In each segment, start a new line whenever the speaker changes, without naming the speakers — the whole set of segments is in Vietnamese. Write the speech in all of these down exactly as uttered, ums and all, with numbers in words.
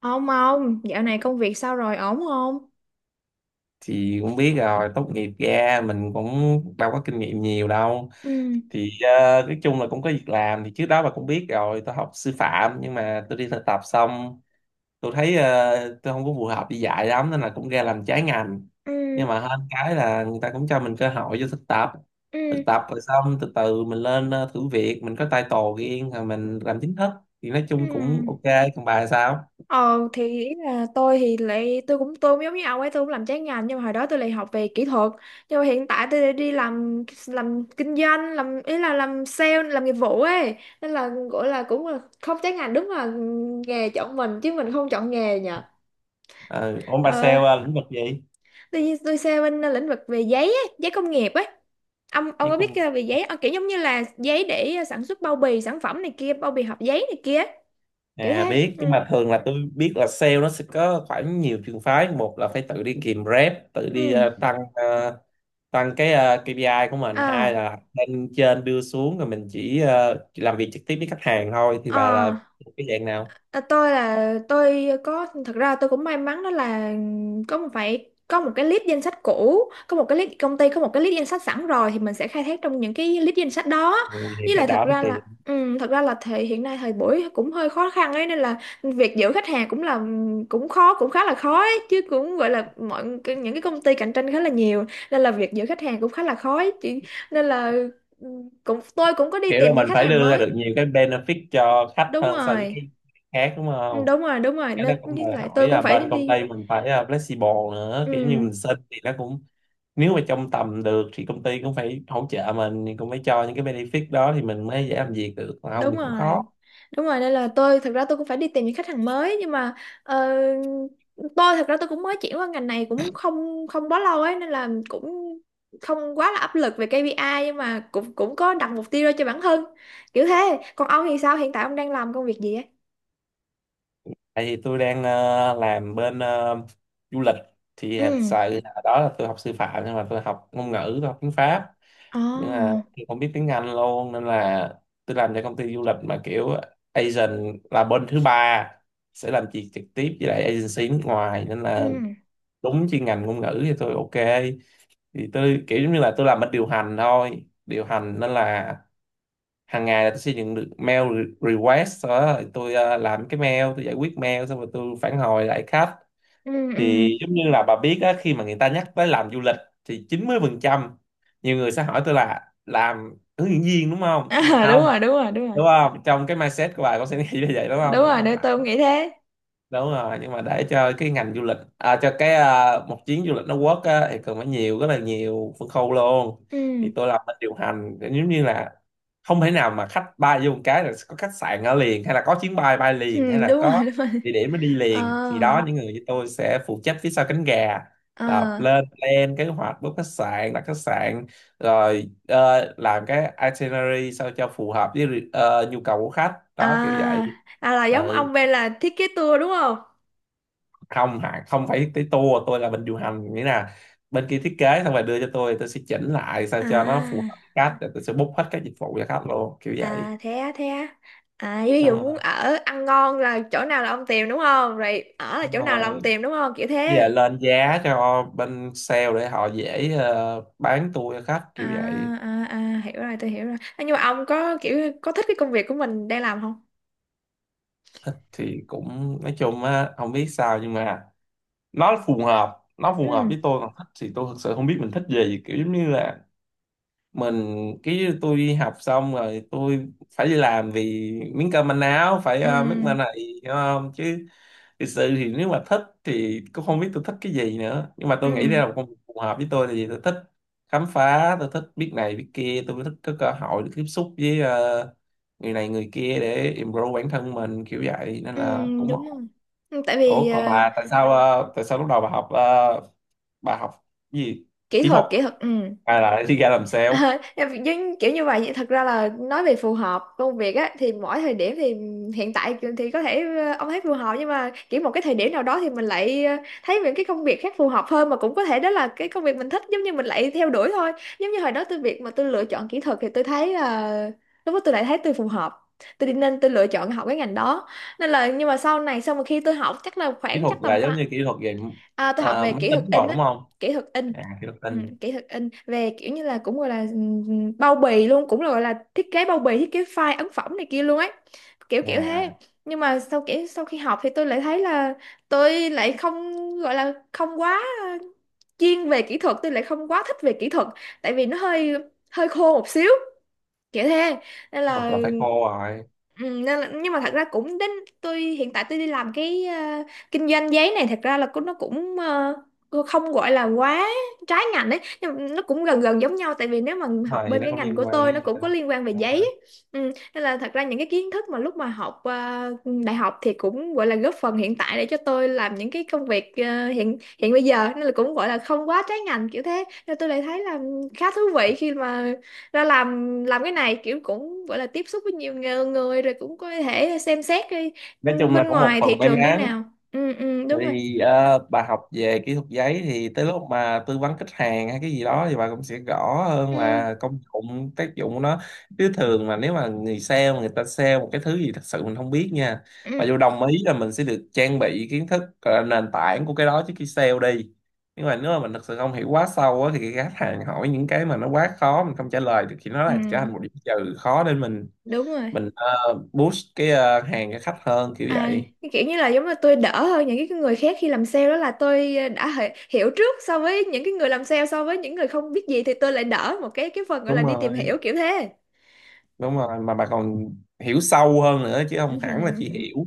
Ông ông, dạo này công việc sao rồi, ổn không?
Thì cũng biết rồi, tốt nghiệp ra mình cũng đâu có kinh nghiệm nhiều đâu.
Ừ.
Thì ờ, nói chung là cũng có việc làm. Thì trước đó bà cũng biết rồi, tôi học sư phạm nhưng mà tôi đi thực tập xong tôi thấy ờ, tôi không có phù hợp đi dạy lắm nên là cũng ra làm trái ngành.
Ừ.
Nhưng mà hơn cái là người ta cũng cho mình cơ hội cho thực tập.
Ừ.
Thực tập rồi xong từ từ mình lên ờ, thử việc, mình có title riêng rồi mình làm chính thức, thì nói chung cũng
Ừ.
ok. Còn bà sao?
Ờ thì ý là tôi thì lại tôi cũng tôi cũng giống như ông ấy, tôi cũng làm trái ngành, nhưng mà hồi đó tôi lại học về kỹ thuật, nhưng mà hiện tại tôi lại đi làm làm kinh doanh, làm ý là làm sale, làm nghiệp vụ ấy, nên là gọi là cũng là không trái ngành. Đúng là nghề chọn mình chứ mình không chọn nghề nhỉ.
Ừ, ổn. Bà sale
Ờ,
ờ, lĩnh vực gì?
tôi tôi sẽ bên lĩnh vực về giấy ấy, giấy công nghiệp ấy. Ông ông có biết ờ, về giấy, ông kiểu giống như là giấy để ờ, sản xuất bao bì sản phẩm này kia, bao bì hộp giấy này kia, kiểu
À
thế.
biết, nhưng
Ừ.
mà thường là tôi biết là sale nó sẽ có khoảng nhiều trường phái. Một là phải tự đi kìm rep, tự đi
Ừ.
ờ, tăng, ờ, tăng cái ờ, ca pê i của mình.
Ờ.
Hai là lên trên đưa xuống rồi mình chỉ ờ, chỉ làm việc trực tiếp với khách hàng thôi. Thì bà là
Ờ.
cái dạng nào?
À, tôi là tôi có thật ra tôi cũng may mắn, đó là có một phải có một cái list danh sách cũ, có một cái list công ty, có một cái list danh sách sẵn rồi thì mình sẽ khai thác trong những cái list danh sách đó.
Ừ, thì
Với
cái
lại thật
đó phải
ra là
tìm.
ừ, thật ra là thời hiện nay thời buổi cũng hơi khó khăn ấy, nên là việc giữ khách hàng cũng là cũng khó, cũng khá là khó ấy, chứ cũng gọi là mọi cái- những cái công ty cạnh tranh khá là nhiều, nên là việc giữ khách hàng cũng khá là khó ấy. Chỉ- nên là ừ, cũng tôi cũng có đi
Kiểu là
tìm những
mình
khách
phải
hàng
đưa ra
mới.
được nhiều cái benefit cho khách
Đúng
hơn so với
rồi.
cái khác đúng
Ừ,
không?
đúng rồi đúng rồi,
Cái
nên
đó cũng
với
đòi
lại
hỏi
tôi cũng
là
phải
bên công
đi.
ty mình phải ờ, flexible nữa, kiểu như
Ừ,
mình xin thì nó cũng, nếu mà trong tầm được thì công ty cũng phải hỗ trợ mình, thì cũng phải cho những cái benefit đó thì mình mới dễ làm việc được, còn không
đúng
thì cũng
rồi
khó.
đúng rồi, nên là tôi thật ra tôi cũng phải đi tìm những khách hàng mới, nhưng mà ờ, tôi thật ra tôi cũng mới chuyển qua ngành này cũng không không quá lâu ấy, nên là cũng không quá là áp lực về ca pi ai, nhưng mà cũng cũng có đặt mục tiêu ra cho bản thân kiểu thế. Còn ông thì sao, hiện tại ông đang làm công việc gì ấy?
Tại vì tôi đang ờ, làm bên ờ, du lịch, thì
Ừ.
thật sự là đó là tôi học sư phạm nhưng mà tôi học ngôn ngữ, tôi học tiếng Pháp,
Ồ.
nhưng mà tôi không biết tiếng Anh luôn, nên là tôi làm cho công ty du lịch mà kiểu agent là bên thứ ba, sẽ làm việc trực tiếp với lại agency nước ngoài nên là
Ừ.
đúng chuyên ngành ngôn ngữ thì tôi ok. Thì tôi kiểu giống như là tôi làm bên điều hành thôi, điều hành, nên là hàng ngày là tôi sẽ nhận được mail re- request, sau đó thì tôi ờ, làm cái mail, tôi giải quyết mail xong rồi tôi phản hồi lại khách.
Ừ. Ừ.
Thì giống như là bà biết á, khi mà người ta nhắc tới làm du lịch thì chín mươi phần trăm nhiều người sẽ hỏi tôi là làm hướng dẫn viên đúng không, nhưng mà
À, đúng
không
rồi đúng rồi đúng rồi.
đúng không, trong cái mindset của bà có sẽ nghĩ như vậy đúng không,
Đúng
nhưng mà
rồi,
không.
để tôi cũng nghĩ thế.
Đúng rồi, nhưng mà để cho cái ngành du lịch à, cho cái à, một chuyến du lịch nó work á, thì cần phải nhiều, rất là nhiều phân khâu luôn.
Ừ.
Thì tôi làm bên điều hành giống như là không thể nào mà khách bay vô một cái là có khách sạn ở liền, hay là có chuyến bay bay
Ừ.
liền, hay là
Đúng rồi
có
đúng rồi.
địa điểm nó đi
Ờ.
liền. Thì đó, những người như tôi sẽ phụ trách phía sau cánh gà, là
Ờ.
lên plan kế hoạch, book khách sạn, đặt khách sạn, rồi ờ, làm cái itinerary sao cho phù hợp với ờ, nhu cầu của khách đó, kiểu vậy.
À, à là giống
Ừ,
ông bên là thiết kế tour đúng không?
không hả, không phải tới tour, tôi là bên điều hành, nghĩa là bên kia thiết kế xong rồi đưa cho tôi tôi sẽ chỉnh lại sao cho nó phù
À,
hợp với khách rồi tôi sẽ book hết các dịch vụ cho khách luôn kiểu vậy.
à thế á, thế á. À, ví
Đúng
dụ
rồi.
muốn ở ăn ngon là chỗ nào là ông tìm đúng không? Rồi ở là
Đúng
chỗ nào là
rồi.
ông tìm đúng không? Kiểu
Với
thế.
lại lên giá cho bên sale để họ dễ ờ, bán tour cho khách
À,
kiểu vậy.
à, à, hiểu rồi, tôi hiểu rồi. À, nhưng mà ông có kiểu có thích cái công việc của mình đang làm không?
Thì cũng nói chung á, không biết sao nhưng mà nó phù hợp, nó phù hợp
Ừ.
với tôi. Còn thích thì tôi thực sự không biết mình thích gì, kiểu giống như là mình, cái tôi đi học xong rồi tôi phải đi làm vì miếng cơm manh áo, phải
Ừ.
uh, make money, hiểu không, chứ thực sự thì nếu mà thích thì cũng không biết tôi thích cái gì nữa. Nhưng mà tôi nghĩ đây
Ừ.
là một công việc phù hợp với tôi, tại vì tôi thích khám phá, tôi thích biết này biết kia, tôi thích có cơ hội được tiếp xúc với ờ, người này người kia để improve bản thân mình, kiểu vậy nên
Ừ,
là cũng
đúng rồi.
ổn.
Ừ, tại vì
Ủa
ờ,
còn bà, tại sao ờ, tại sao lúc đầu bà học ờ, bà học cái gì?
kỹ
Kỹ
thuật,
thuật,
kỹ thuật, ừ.
hay là đi ra làm sale?
Ờ, em nhưng kiểu như vậy, thật ra là nói về phù hợp công việc á thì mỗi thời điểm thì hiện tại thì có thể ờ, ông thấy phù hợp, nhưng mà kiểu một cái thời điểm nào đó thì mình lại ờ, thấy những cái công việc khác phù hợp hơn mà cũng có thể đó là cái công việc mình thích, giống như mình lại theo đuổi thôi. Giống như hồi đó tôi việc mà tôi lựa chọn kỹ thuật thì tôi thấy là lúc đó tôi lại thấy tôi phù hợp, tôi đi nên tôi lựa chọn học cái ngành đó. Nên là nhưng mà sau này sau mà khi tôi học chắc là
Kỹ
khoảng
thuật
chắc
là
tầm
giống
khoảng.
như kỹ thuật về
À, tôi học
ờ,
về
máy
kỹ
tính
thuật in
rồi đúng
á,
không?
kỹ thuật in.
À kỹ thuật
Ừ,
tin.
kỹ thuật in về kiểu như là cũng gọi là ừm, bao bì luôn, cũng là gọi là thiết kế bao bì, thiết kế file ấn phẩm này kia luôn ấy, kiểu kiểu thế.
À
Nhưng mà sau kiểu sau khi học thì tôi lại thấy là tôi lại không gọi là không quá ờ, chuyên về kỹ thuật, tôi lại không quá thích về kỹ thuật, tại vì nó hơi hơi khô một xíu, kiểu thế nên
kỹ
là.
là phải cô rồi,
Ừ, nên là, nhưng mà thật ra cũng đến tôi hiện tại tôi đi làm cái ờ, kinh doanh giấy này, thật ra là cũng nó cũng ờ, không gọi là quá trái ngành đấy, nhưng mà nó cũng gần gần giống nhau, tại vì nếu mà học
mà thì
bên
nó
cái
không
ngành của
liên quan
tôi
với
nó
nhau.
cũng có liên quan về
Đúng
giấy
rồi.
ấy. Ừ, nên là thật ra những cái kiến thức mà lúc mà học ờ, đại học thì cũng gọi là góp phần hiện tại để cho tôi làm những cái công việc ờ, hiện hiện bây giờ, nên là cũng gọi là không quá trái ngành kiểu thế, nên tôi lại thấy là khá thú vị khi mà ra làm làm cái này, kiểu cũng gọi là tiếp xúc với nhiều người, người rồi cũng có thể xem xét đi
Nói
ừ,
chung là
bên
có một
ngoài thị
phần may
trường như
mắn.
nào. Ừ ừ đúng rồi.
Thì ờ, bà học về kỹ thuật giấy thì tới lúc mà tư vấn khách hàng hay cái gì đó thì bà cũng sẽ rõ hơn
Ừ.
là công dụng tác dụng của nó. Chứ thường mà nếu mà người sale mà người ta sale một cái thứ gì thật sự mình không biết nha, mà
Ừ.
dù đồng ý là mình sẽ được trang bị kiến thức ờ, nền tảng của cái đó trước khi sale đi, nhưng mà nếu mà mình thật sự không hiểu quá sâu á, thì khi khách hàng hỏi những cái mà nó quá khó mình không trả lời được thì nó
Ừ
là trở thành một điểm trừ, khó để mình
đúng rồi.
mình ờ, boost cái ờ, hàng cho khách hơn kiểu
À,
vậy.
cái kiểu như là giống như tôi đỡ hơn những cái người khác khi làm sale, đó là tôi đã hi- hiểu trước so với những cái người làm sale, so với những người không biết gì thì tôi lại đỡ một cái cái phần gọi là
Đúng
đi tìm
rồi,
hiểu, kiểu thế.
đúng rồi, mà bà còn hiểu sâu hơn nữa chứ không hẳn là chỉ
Ừ.
hiểu.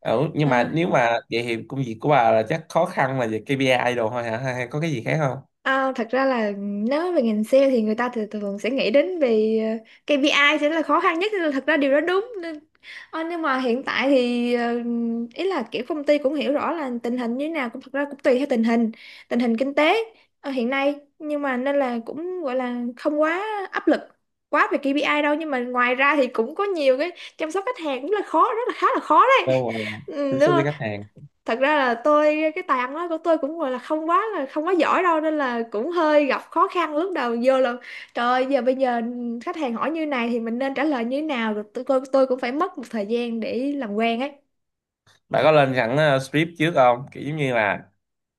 Ừ, nhưng mà
À,
nếu mà vậy thì công việc của bà là chắc khó khăn là về ca pê I đồ thôi hả, hay hay có cái gì khác không?
à, thật ra là nếu nói về ngành sale thì người ta thường thường sẽ nghĩ đến về ờ, ca pê i sẽ là khó khăn nhất, nên là thật ra điều đó đúng nên. Ờ, nhưng mà hiện tại thì ờ, ý là kiểu công ty cũng hiểu rõ là tình hình như thế nào, cũng thật ra cũng tùy theo tình hình, tình hình kinh tế ờ, hiện nay, nhưng mà nên là cũng gọi là không quá áp lực quá về ca pi ai đâu, nhưng mà ngoài ra thì cũng có nhiều cái chăm sóc khách hàng cũng là khó rất là khá là khó đấy.
Đâu rồi, tiếp
Ừ, đúng.
xúc với khách hàng.
Thật ra là tôi cái tài ăn nói của tôi cũng gọi là không quá là không quá giỏi đâu, nên là cũng hơi gặp khó khăn lúc đầu vô là trời ơi, giờ bây giờ khách hàng hỏi như này thì mình nên trả lời như thế nào, rồi tôi, tôi tôi cũng phải mất một thời gian để làm quen ấy.
Bà có lên sẵn ờ, script trước không, kiểu giống như là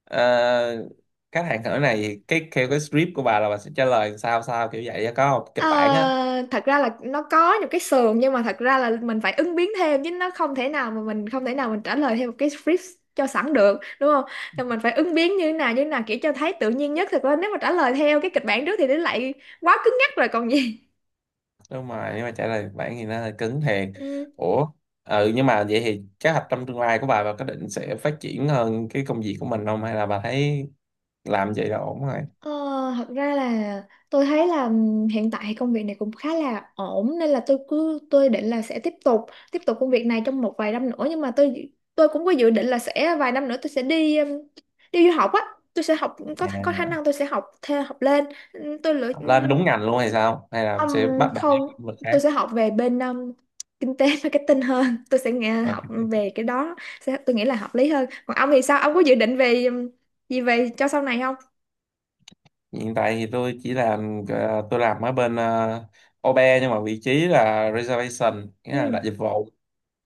ờ, khách hàng hỏi này cái theo cái script của bà là bà sẽ trả lời sao sao kiểu vậy á, có không,
Ờ,
kịch bản á?
thật ra là nó có những cái sườn, nhưng mà thật ra là mình phải ứng biến thêm, chứ nó không thể nào mà mình không thể nào mình trả lời theo một cái script cho sẵn được đúng không, nên mình phải ứng biến như thế nào như thế nào kiểu cho thấy tự nhiên nhất. Thật ra nếu mà trả lời theo cái kịch bản trước thì nó lại quá cứng nhắc rồi còn gì.
Đúng rồi, nếu mà trả lời bản thì nó hơi cứng thiệt.
Ừ,
Ủa ừ, nhưng mà vậy thì kế hoạch trong tương lai của bà bà có định sẽ phát triển hơn cái công việc của mình không, hay là bà thấy làm vậy là ổn rồi?
ờ, thật ra là tôi thấy là ừm, hiện tại công việc này cũng khá là ổn, nên là tôi cứ tôi định là sẽ tiếp tục tiếp tục công việc này trong một vài năm nữa, nhưng mà tôi dự- tôi cũng có dự định là sẽ vài năm nữa tôi sẽ đi ừm, đi du học á, tôi sẽ học có có khả
À,
năng tôi sẽ học theo học lên. Ừm, tôi lựa
học lên
ừm,
đúng ngành luôn hay sao, hay là sẽ
ừm,
bắt đầu với
không,
lĩnh vực khác?
tôi sẽ học về bên ừm, kinh tế marketing hơn, tôi sẽ nghe
Ờ,
học về cái đó. Sẽ, tôi nghĩ là hợp lý hơn. Còn ông thì sao, ông có dự định về ừm, gì về cho sau này không?
hiện tại thì tôi chỉ làm ờ, tôi làm ở bên uh, ô bê e, nhưng mà vị trí là reservation, nghĩa là đặt
Ừ.
dịch vụ.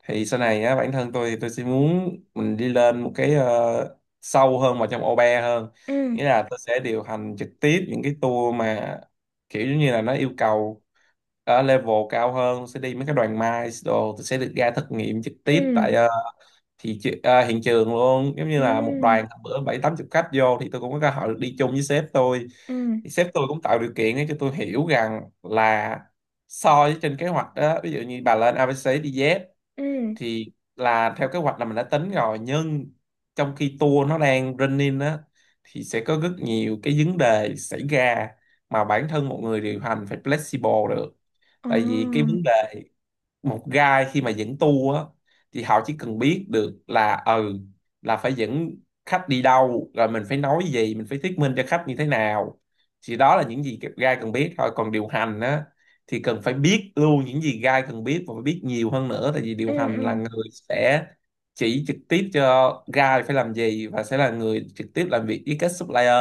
Thì sau này á bản thân tôi thì tôi sẽ muốn mình đi lên một cái ờ, sâu hơn vào trong ô bê e hơn,
Ừ.
nghĩa là tôi sẽ điều hành trực tiếp những cái tour mà kiểu giống như là nó yêu cầu ở level cao hơn, sẽ đi mấy cái đoàn mice đồ, tôi sẽ được ra thực nghiệm trực tiếp tại
Ừ.
ờ, thị tri- ờ, hiện trường luôn. Giống như là một đoàn
Ừ.
hôm bữa bảy tám chục khách vô thì tôi cũng có cơ hội được đi chung với sếp tôi.
Ừ.
Thì sếp tôi cũng tạo điều kiện để cho tôi hiểu rằng là so với trên kế hoạch đó, ví dụ như bà lên a bê xê đi Z,
Ừ.
thì là theo kế hoạch là mình đã tính rồi, nhưng trong khi tour nó đang running á thì sẽ có rất nhiều cái vấn đề xảy ra mà bản thân một người điều hành phải flexible được.
Ờ.
Tại vì cái vấn đề, một guide khi mà dẫn tour á thì họ chỉ cần biết được là ừ là phải dẫn khách đi đâu, rồi mình phải nói gì, mình phải thuyết minh cho khách như thế nào, thì đó là những gì guide cần biết thôi. Còn điều hành á thì cần phải biết luôn những gì guide cần biết và phải biết nhiều hơn nữa, tại vì
Ừ.
điều hành
Ừ.
là người sẽ chỉ trực tiếp cho guide phải làm gì, và sẽ là người trực tiếp làm việc với các supplier.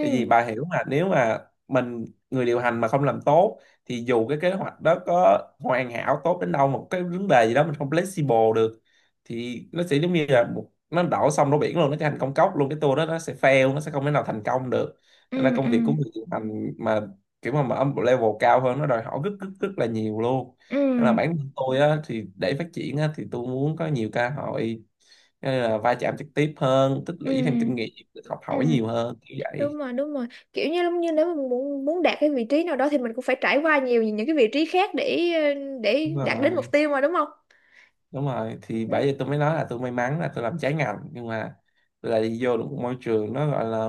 Tại vì bà hiểu mà, nếu mà mình người điều hành mà không làm tốt thì dù cái kế hoạch đó có hoàn hảo tốt đến đâu, một cái vấn đề gì đó mình không flexible được thì nó sẽ giống như là một, nó đổ sông đổ biển luôn, nó trở thành công cốc luôn, cái tour đó nó sẽ fail, nó sẽ không thể nào thành công được. Nên là
Ừ.
công
Ừ.
việc của người điều hành mà kiểu mà, mà ở một level cao hơn nó đòi hỏi rất rất rất là nhiều luôn.
Ừ.
Nên là bản thân tôi á, thì để phát triển á, thì tôi muốn có nhiều cơ hội, nên là va chạm trực tiếp hơn, tích
Ừ.
lũy thêm kinh nghiệm, học hỏi
Ừ.
nhiều hơn như
Đúng
vậy.
rồi đúng rồi, kiểu như giống như nếu mà muốn muốn đạt cái vị trí nào đó thì mình cũng phải trải qua nhiều những cái vị trí khác để ờ, để
Đúng
đạt đến mục
rồi.
tiêu mà đúng không.
Đúng rồi, thì
Ừ.
bởi vì tôi mới nói là tôi may mắn, là tôi làm trái ngành nhưng mà tôi lại đi vô được một môi trường nó gọi là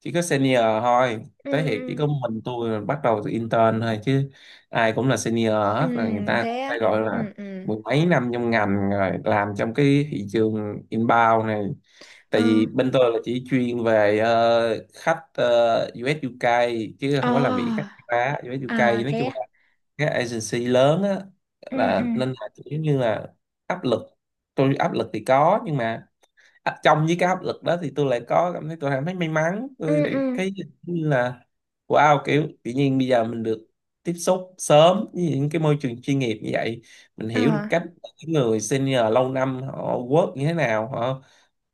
chỉ có senior thôi. Tới hiện chỉ có
Ừ.
mình tôi là bắt đầu từ intern thôi, chứ ai cũng là senior
Ừ
hết rồi, người ta cũng
thế
phải
á.
gọi là
Ừ. Ừ.
mười mấy năm trong ngành rồi, làm trong cái thị trường inbound này.
Ờ.
Tại vì bên tôi là chỉ chuyên về ờ, khách ờ, u ét u ca, chứ
Ờ.
không có làm việc khách châu Á. u ét u ca
À
nói
thế
chung
á.
các agency lớn á,
Ừ. Ừ.
là nên là kiểu như là áp lực. Tôi áp lực thì có, nhưng mà áp- trong với cái áp lực đó thì tôi lại có cảm thấy, tôi cảm thấy may mắn, tôi
Ừ.
lại
Ừ.
cái như là wow, kiểu tự nhiên bây giờ mình được tiếp xúc sớm với những cái môi trường chuyên nghiệp như vậy, mình
Ờ.
hiểu được cách những người senior lâu năm họ work như thế nào, họ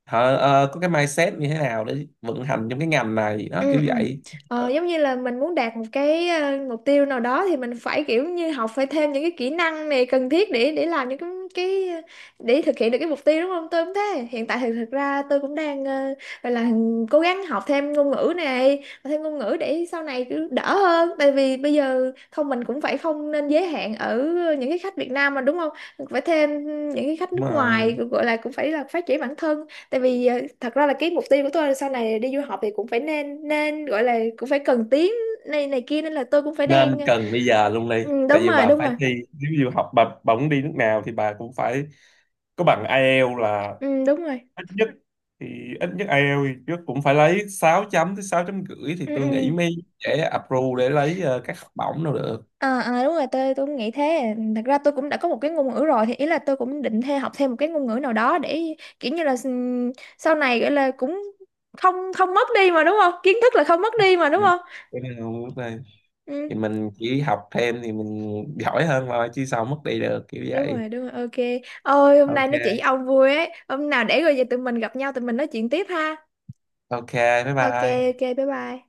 họ ờ, có cái mindset như thế nào để vận hành trong cái ngành này đó
Ừ.
kiểu
Ừ.
vậy.
Ờ,
Ờ,
giống như là mình muốn đạt một cái ờ, mục tiêu nào đó thì mình phải kiểu như học phải thêm những cái kỹ năng này cần thiết để để làm những cái cái để thực hiện được cái mục tiêu đúng không. Tôi cũng thế, hiện tại thì thực ra tôi cũng đang ờ, gọi là cố gắng học thêm ngôn ngữ này, học thêm ngôn ngữ để sau này cứ đỡ hơn, tại vì bây giờ không mình cũng phải không nên giới hạn ở những cái khách Việt Nam mà đúng không, phải thêm những cái khách
đúng
nước ngoài,
rồi
gọi là cũng phải là phát triển bản thân. Tại vì ờ, thật ra là cái mục tiêu của tôi là sau này đi du học thì cũng phải nên nên gọi là cũng phải cần tiếng này này kia, nên là tôi cũng phải đang
nên
ờ,
cần bây giờ luôn đi,
ừ,
tại
đúng
vì
rồi
bà
đúng
phải
rồi.
thi. Nếu như học bà, bà muốn đi nước nào thì bà cũng phải có bằng ai eo là
Ừ, đúng rồi.
ít nhất. Thì ít nhất ai eo thì trước cũng phải lấy sáu chấm tới sáu chấm rưỡi thì
Ừ,
tôi nghĩ
ừ.
mới dễ approve để lấy ờ, các học bổng đâu được.
Ờ, ờ, đúng rồi, tôi tôi cũng nghĩ thế. Thật ra tôi cũng đã có một cái ngôn ngữ rồi thì ý là tôi cũng định theo học thêm một cái ngôn ngữ nào đó để kiểu như là ừm, sau này gọi là cũng không không mất đi mà đúng không, kiến thức là không mất đi mà đúng
Nè,
không.
cái này không mất đây,
Ừ,
thì mình chỉ học thêm thì mình giỏi hơn thôi chứ sao mất đi được kiểu
đúng
vậy.
rồi đúng rồi, ok ôi hôm nay nói chuyện với
Ok.
ông vui ấy, hôm nào để rồi về tụi mình gặp nhau tụi mình nói chuyện tiếp ha.
Ok. Bye
Ok.
bye.
Ok. Bye bye.